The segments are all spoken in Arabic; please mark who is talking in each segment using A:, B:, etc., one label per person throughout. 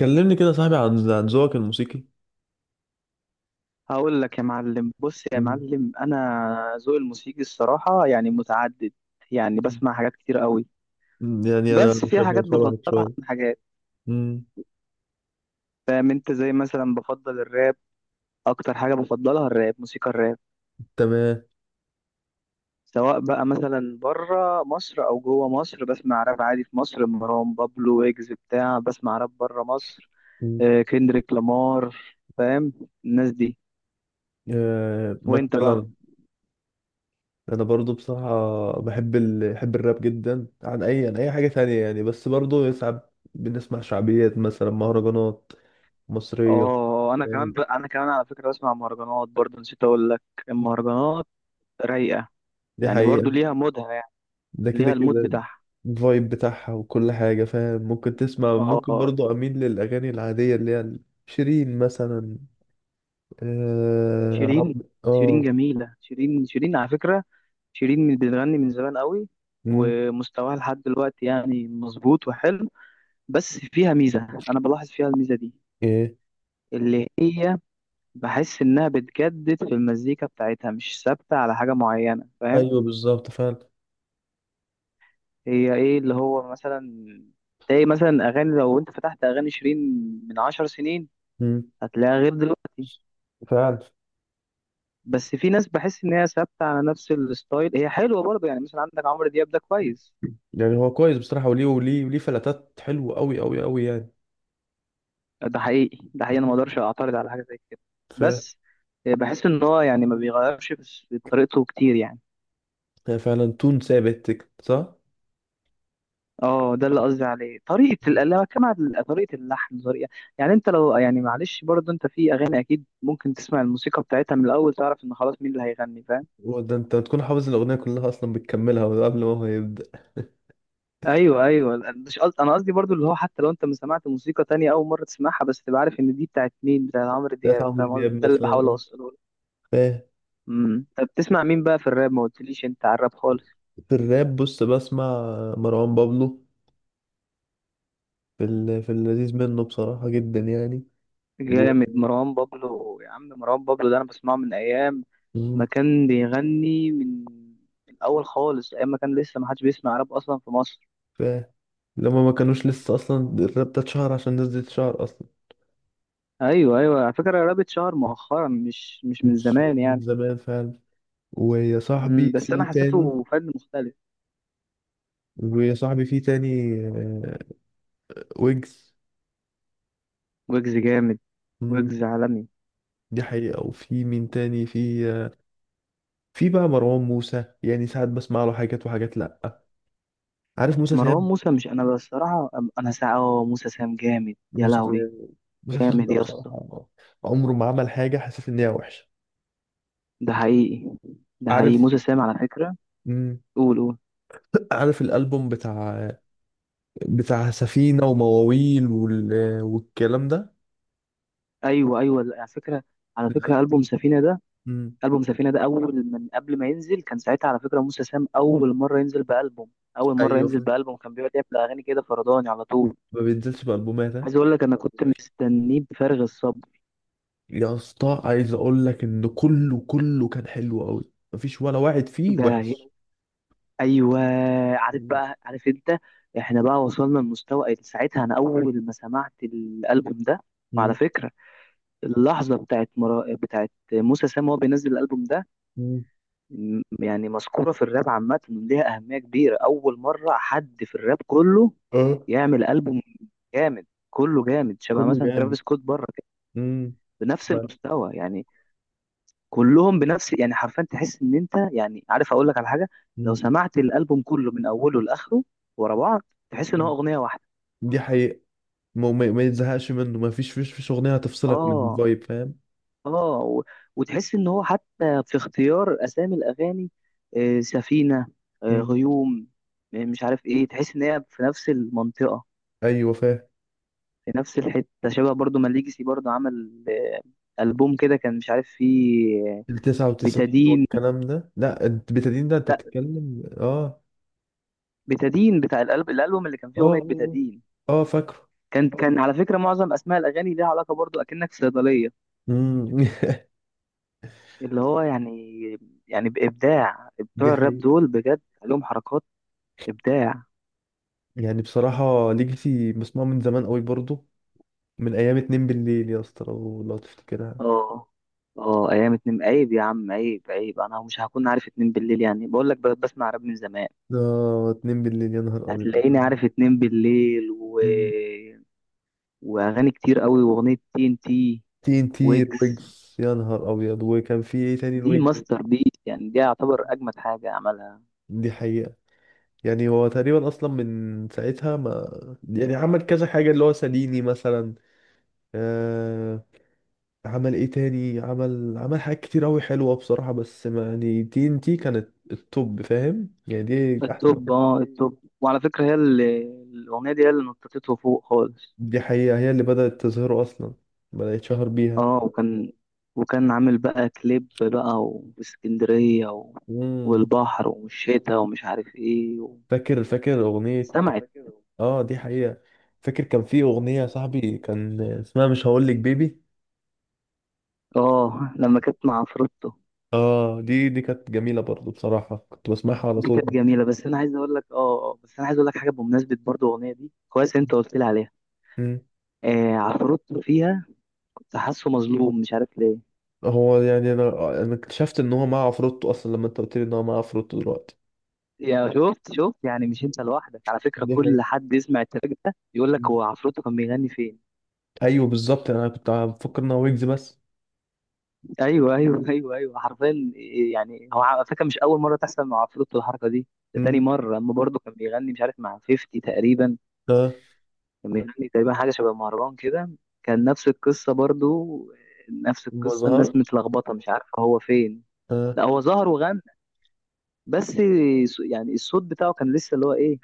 A: كلمني كده يا صاحبي عن ذوقك الموسيقي.
B: هقول لك يا معلم، بص يا
A: مم.
B: معلم، انا ذوقي الموسيقي الصراحه يعني متعدد. يعني بسمع حاجات كتير قوي.
A: مم. يعني انا
B: بس في
A: شبه
B: حاجات بفضلها
A: شبهك شويه.
B: عن حاجات.
A: مم.
B: فاهم؟ انت زي مثلا بفضل الراب. اكتر حاجه بفضلها الراب، موسيقى الراب.
A: تمام.
B: سواء بقى مثلا بره مصر او جوه مصر بسمع راب عادي. في مصر مروان بابلو، ويجز بتاع. بسمع راب بره مصر،
A: مم.
B: كندريك لامار. فاهم؟ الناس دي.
A: آه، ماك
B: وانت بقى؟
A: ميلر. انا برضو بصراحه بحب الراب جدا عن اي حاجه تانية يعني، بس برضو ساعات بنسمع شعبيات مثلا مهرجانات مصريه.
B: اه
A: فاهم؟
B: انا كمان على فكره بسمع مهرجانات برضه، نسيت اقول لك. المهرجانات رايقة،
A: دي
B: يعني برضو
A: حقيقه.
B: ليها مودها يعني،
A: ده كده
B: ليها المود
A: كده.
B: بتاعها.
A: الفايب بتاعها وكل حاجه، فاهم؟ ممكن تسمع، ممكن
B: اه،
A: برضو اميل للاغاني العاديه اللي هي شيرين مثلا.
B: شيرين. شيرين
A: آه،
B: جميلة، شيرين. شيرين على فكرة، شيرين بتغني من زمان قوي،
A: مم،
B: ومستواها لحد دلوقتي يعني مظبوط وحلو. بس فيها ميزة، أنا بلاحظ فيها الميزة دي،
A: ايه.
B: اللي هي بحس إنها بتجدد في المزيكا بتاعتها، مش ثابتة على حاجة معينة. فاهم؟
A: ايوه بالظبط فعلا.
B: هي إيه اللي هو مثلا، تلاقي مثلا أغاني، لو أنت فتحت أغاني شيرين من 10 سنين
A: مم،
B: هتلاقيها غير دلوقتي.
A: فعلا.
B: بس في ناس بحس ان هي ثابته على نفس الستايل، هي حلوه برضه يعني. مثلا عندك عمرو دياب ده كويس.
A: يعني هو كويس بصراحة، وليه فلاتات حلوة أوي يعني.
B: ده حقيقي، ده حقيقي، انا ما
A: مم.
B: اقدرش اعترض على حاجه زي كده.
A: ف
B: بس بحس ان هو يعني ما بيغيرش في طريقته كتير يعني.
A: هي فعلا تون ثابت كده، صح؟
B: اه، ده اللي قصدي عليه، طريقه اللي بتكلم على طريقه اللحن، طريقه. يعني انت لو يعني معلش برضه انت في اغاني اكيد ممكن تسمع الموسيقى بتاعتها من الاول، تعرف ان خلاص مين اللي هيغني. فاهم؟
A: وده انت تكون حافظ الأغنية كلها أصلا، بتكملها قبل ما هو يبدأ.
B: ايوه ايوه، مش قصد... انا قصدي برضو اللي هو حتى لو انت ما سمعت موسيقى تانية، اول مره تسمعها بس تبقى عارف ان دي بتاعت مين، بتاعت عمرو
A: ده
B: دياب.
A: عمرو
B: فاهم
A: دياب
B: قصدي؟ ده اللي بحاول
A: مثلا.
B: اوصله لك.
A: آه.
B: طب بتسمع مين بقى في الراب؟ ما قلتليش انت على الراب خالص.
A: في الراب، بص، بسمع مروان بابلو. في اللذيذ منه بصراحة جدا يعني. و
B: جامد مروان بابلو. يا عم مروان بابلو ده انا بسمعه من ايام ما
A: مم.
B: كان بيغني من الاول خالص، ايام ما كان لسه ما حدش بيسمع راب اصلا في مصر.
A: لما ما كانوش لسه اصلا الراب ده اتشهر عشان الناس دي تتشهر اصلا.
B: ايوه ايوه، على فكره الراب اتشهر مؤخرا، مش من
A: مش من
B: زمان
A: من
B: يعني.
A: زمان فعلا. ويا صاحبي
B: بس انا
A: في تاني.
B: حسيته فن مختلف.
A: ويا صاحبي في تاني، آه، ويجز.
B: ويجز جامد.
A: مم،
B: ويجز عالمي.
A: دي حقيقة. وفي مين تاني؟ في، آه، في بقى مروان موسى. يعني ساعات بسمع له حاجات، وحاجات لأ. عارف موسى
B: مروان
A: سام.
B: موسى مش، انا بصراحه انا ساعه اه، موسى سام جامد يا
A: موسى
B: لهوي،
A: سام. موسى سام
B: جامد
A: ده
B: يا اسطى.
A: بصراحة عمره ما عمل حاجة حسيت إن هي وحشة.
B: ده حقيقي، ده حقيقي،
A: عارف؟
B: موسى سام على فكره.
A: مم،
B: قول قول.
A: عارف الألبوم بتاع سفينة ومواويل آه، والكلام ده.
B: ايوه ايوه، على فكره، على فكره البوم سفينه ده،
A: الألبوم.
B: البوم سفينه ده اول من قبل ما ينزل كان ساعتها، على فكره موسى سام اول مره ينزل بالبوم، اول مره
A: ايوه
B: ينزل
A: فاهم.
B: بالبوم كان بيقعد يعمل اغاني كده فرداني على طول.
A: ما بينزلش بألبومات ها؟
B: عايز اقول لك انا كنت مستنيه بفارغ الصبر.
A: يا اسطى عايز اقول لك ان كله كان حلو قوي، مفيش ولا واحد فيه
B: ده.
A: وحش.
B: ايوه. عارف
A: مم.
B: بقى، عارف انت احنا بقى وصلنا لمستوى إيه، ساعتها انا اول ما سمعت الالبوم ده، وعلى
A: مم.
B: فكره اللحظه بتاعت موسى سام وهو بينزل الالبوم ده،
A: مم.
B: يعني مذكوره في الراب عامه، ليها اهميه كبيره. اول مره حد في الراب كله
A: اه،
B: يعمل البوم جامد، كله جامد، شبه
A: كله
B: مثلا
A: جامد.
B: ترافيس سكوت بره كده،
A: مم.
B: بنفس
A: ب-
B: المستوى يعني، كلهم بنفس. يعني حرفيا تحس ان انت يعني، عارف اقول لك على حاجه؟ لو
A: مم.
B: سمعت الالبوم كله من اوله لاخره ورا بعض تحس ان هو
A: مم.
B: اغنيه واحده.
A: دي حقيقة. ما يتزهقش منه، مفيش فيش فيش اغنية هتفصلك من
B: اه
A: الفايب، فاهم؟
B: اه، وتحس ان هو حتى في اختيار اسامي الاغاني، آه سفينه، آه
A: مم.
B: غيوم، مش عارف ايه، تحس ان هي في نفس المنطقه،
A: ايوه فاهم.
B: في نفس الحته. شبه برضو ما ليجسي برضو عمل آه البوم كده، كان مش عارف فيه
A: ال 99
B: بتدين.
A: والكلام ده؟ لا، انت بتدين، ده انت
B: لا،
A: بتتكلم. اه،
B: بتدين بتاع الالبوم اللي كان فيه اغنيه
A: اه،
B: بتدين.
A: آه، فاكره.
B: كان على فكرة معظم أسماء الأغاني ليها علاقة، برضو أكنك في صيدلية.
A: مم.
B: اللي هو يعني، يعني بإبداع.
A: دي
B: بتوع الراب
A: حقيقة.
B: دول بجد لهم حركات، إبداع.
A: يعني بصراحة ليجاسي مسموع من زمان قوي برضه، من أيام اتنين بالليل يا اسطى، لو تفتكرها.
B: اه اه، أيام اتنين، عيب يا عم، عيب، أنا مش هكون عارف اتنين بالليل؟ يعني بقول لك بسمع راب من زمان.
A: ده اتنين بالليل يا نهار أبيض.
B: هتلاقيني عارف اتنين بالليل وأغاني كتير قوي، وأغنية تي إن تي.
A: تي ان تي
B: ويجز،
A: ويجز، يا نهار أبيض. وكان في ايه تاني
B: دي
A: الويجز؟
B: ماستر بيس يعني، دي يعتبر أجمد حاجة عملها.
A: دي حقيقة. يعني هو تقريبا أصلا من ساعتها ما يعني عمل كذا حاجة اللي هو ساليني مثلا، آه... عمل ايه تاني؟ عمل حاجات كتير أوي حلوة بصراحة، بس ما يعني تي ان تي كانت التوب، فاهم يعني؟ دي أحسن.
B: التوب، التوب، وعلى فكرة هي اللي، الأغنية دي هي اللي نطتته فوق خالص.
A: دي حقيقة. هي اللي بدأت تظهره أصلا. بدأ يتشهر بيها.
B: اه وكان، وكان عامل بقى كليب بقى، واسكندرية
A: امم،
B: والبحر والشتا، ومش عارف ايه
A: فاكر أغنية.
B: سمعت.
A: اه، دي حقيقة. فاكر كان في أغنية يا صاحبي، كان اسمها مش هقولك بيبي.
B: اه، لما كانت مع عفروتو
A: اه، دي كانت جميلة برضو بصراحة، كنت بسمعها على
B: دي كانت
A: طول.
B: جميلة. بس انا عايز اقول لك اه، بس انا عايز اقول لك حاجة، بمناسبة برضو الاغنية دي كويس انت قلت لي عليها.
A: مم.
B: آه عفروتو فيها، كنت حاسه مظلوم مش عارف ليه.
A: هو يعني انا اكتشفت ان هو مع عفروتو اصلا لما انت قلت لي ان هو مع عفروتو دلوقتي.
B: يا شفت، شفت، يعني مش انت لوحدك، على فكرة
A: دي حقيقة.
B: كل حد يسمع التراك ده يقول لك
A: مم.
B: هو عفروتو كان بيغني فين.
A: ايوه بالظبط، انا كنت بفكر ان هو ويجز بس.
B: ايوه ايوه ايوه ايوه، حرفيا. يعني هو على فكره مش اول مره تحصل مع عفروتو الحركه دي، ده تاني
A: مم.
B: مره. اما برضه كان بيغني مش عارف مع 50 تقريبا،
A: اه.
B: كان بيغني تقريبا حاجه شبه مهرجان كده. كان نفس القصه برضه، نفس
A: ما
B: القصه،
A: ظهر.
B: الناس متلخبطه مش عارفه هو فين.
A: اه.
B: لا، هو ظهر وغنى. بس يعني الصوت بتاعه كان لسه اللي هو ايه،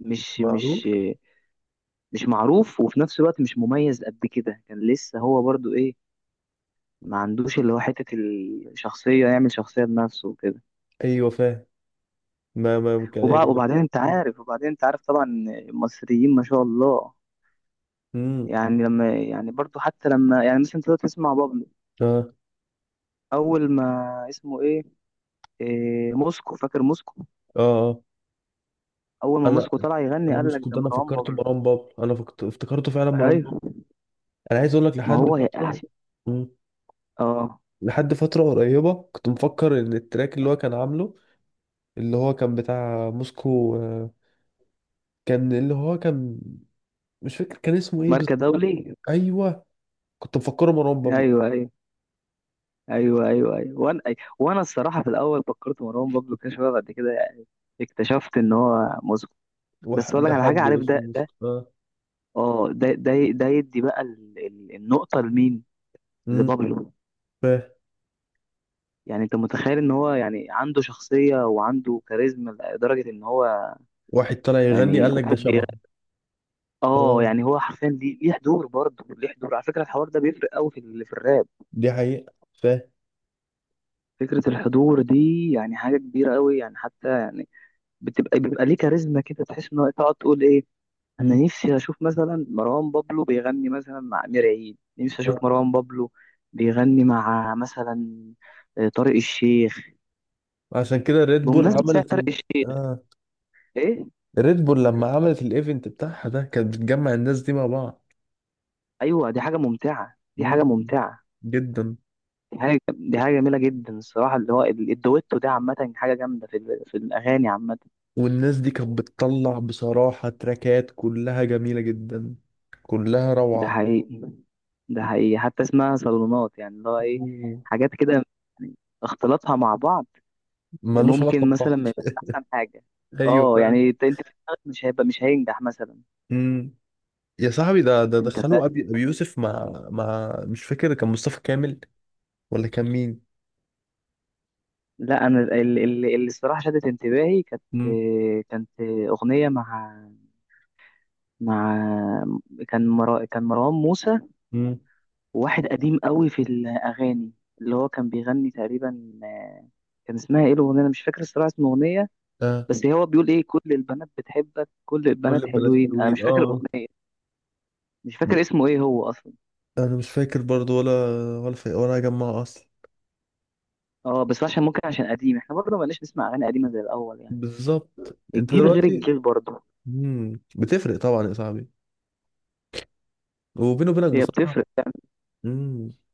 B: مش
A: معروف.
B: مش معروف، وفي نفس الوقت مش مميز قد كده. كان لسه هو برضه ايه، ما عندوش اللي هو حته الشخصيه، يعمل شخصيه بنفسه وكده.
A: ايوه فاهم. ما كان يعني ما.
B: وبعدين انت عارف، طبعا المصريين ما شاء الله.
A: امم.
B: يعني لما يعني برضو حتى لما يعني مثلا انت دلوقتي تسمع بابلو،
A: اه.
B: اول ما اسمه ايه، إيه موسكو، فاكر موسكو؟
A: اه. اه
B: اول ما
A: انا
B: موسكو طلع يغني
A: انا
B: قال
A: مش
B: لك
A: كنت،
B: ده
A: انا
B: مروان
A: فكرت
B: بابلو.
A: مروان بابلو، انا افتكرته فعلا مروان بابلو.
B: ايوه،
A: انا عايز اقول لك
B: ما
A: لحد
B: هو
A: فتره.
B: عشان.
A: مم.
B: اه
A: لحد فتره قريبه كنت مفكر ان التراك اللي هو كان عامله، اللي هو كان بتاع موسكو، آه، كان اللي هو كان، مش فاكر كان اسمه ايه
B: ماركة
A: بالظبط.
B: دولي.
A: ايوه، كنت مفكره مروان بابلو.
B: ايوه ايوه ايوه ايوه ايوه. وانا وانا الصراحه في الاول فكرت مروان بابلو، كده شويه بعد كده يعني اكتشفت ان هو موسكو. بس
A: واحد
B: اقول لك
A: ده
B: على حاجه،
A: حد
B: عارف
A: اسمه
B: ده، ده،
A: موسكو، اه.
B: اه، ده يدي بقى النقطه لمين؟
A: امم.
B: لبابلو.
A: فاه.
B: يعني انت متخيل ان هو يعني عنده شخصية وعنده كاريزما لدرجة ان هو
A: واحد طلع يغني
B: يعني
A: قال لك ده
B: واحد
A: شبهه.
B: اه
A: آه،
B: يعني هو حرفيا ليه، حضور، برضه ليه حضور، على فكرة الحوار ده بيفرق قوي في في الراب.
A: دي حقيقه. فاه.
B: فكرة الحضور دي يعني حاجة كبيرة قوي يعني حتى يعني، بتبقى، بيبقى ليه كاريزما كده، تحس ان هو تقعد تقول ايه. انا نفسي اشوف مثلا مروان بابلو بيغني مثلا مع امير عيد، نفسي اشوف مروان بابلو بيغني مع مثلا آه، طارق الشيخ،
A: عشان كده ريد بول
B: بمناسبة ساعة
A: عملت
B: طارق الشيخ.
A: اه،
B: ايه؟
A: ريد بول لما عملت الايفنت بتاعها ده كانت بتجمع الناس دي مع بعض.
B: ايوه دي حاجه ممتعه، دي حاجه
A: امم،
B: ممتعه،
A: جدا.
B: دي حاجه، دي حاجه جميله جدا الصراحه. اللي هو الدويتو ده عامه حاجه جامده في في الاغاني عامه.
A: والناس دي كانت بتطلع بصراحة تراكات كلها جميلة جدا، كلها
B: ده
A: روعة.
B: حقيقي، ده حقيقي، حتى اسمها صالونات، يعني اللي هو ايه،
A: مم.
B: حاجات كده يعني، اختلاطها مع بعض
A: ملوش علاقة
B: ممكن مثلا
A: ببعض.
B: ما يبقاش احسن حاجه.
A: ايوه
B: اه
A: فعلا.
B: يعني انت في دماغك مش هيبقى، مش هينجح مثلا.
A: امم. يا صاحبي ده
B: انت
A: دخلوا
B: فاهم؟
A: ابي يوسف مع مع مش فاكر، كان مصطفى كامل ولا كان مين؟
B: لا انا ال- اللي الصراحه شدت انتباهي كانت،
A: امم.
B: كانت اغنيه مع، مع، كان كان مروان موسى.
A: امم.
B: واحد قديم قوي في الاغاني، اللي هو كان بيغني تقريبا كان اسمها ايه الاغنيه؟ انا مش فاكر الصراحه اسم الاغنيه،
A: اه.
B: بس هو بيقول ايه، كل البنات بتحبك، كل
A: كل
B: البنات
A: البنات
B: حلوين. انا
A: حلوين،
B: مش
A: اه.
B: فاكر
A: آه.
B: الاغنيه، مش فاكر اسمه ايه هو اصلا.
A: انا مش فاكر برضو، ولا ولا فاكر، ولا هجمع اصلا.
B: اه بس عشان ممكن عشان قديم، احنا برضه مالناش نسمع اغاني قديمه زي الاول يعني.
A: بالظبط. انت
B: الجيل غير
A: دلوقتي.
B: الجيل برضه،
A: مم. بتفرق طبعا يا صاحبي، وبيني وبينك
B: هي
A: بصراحه.
B: بتفرق
A: مم.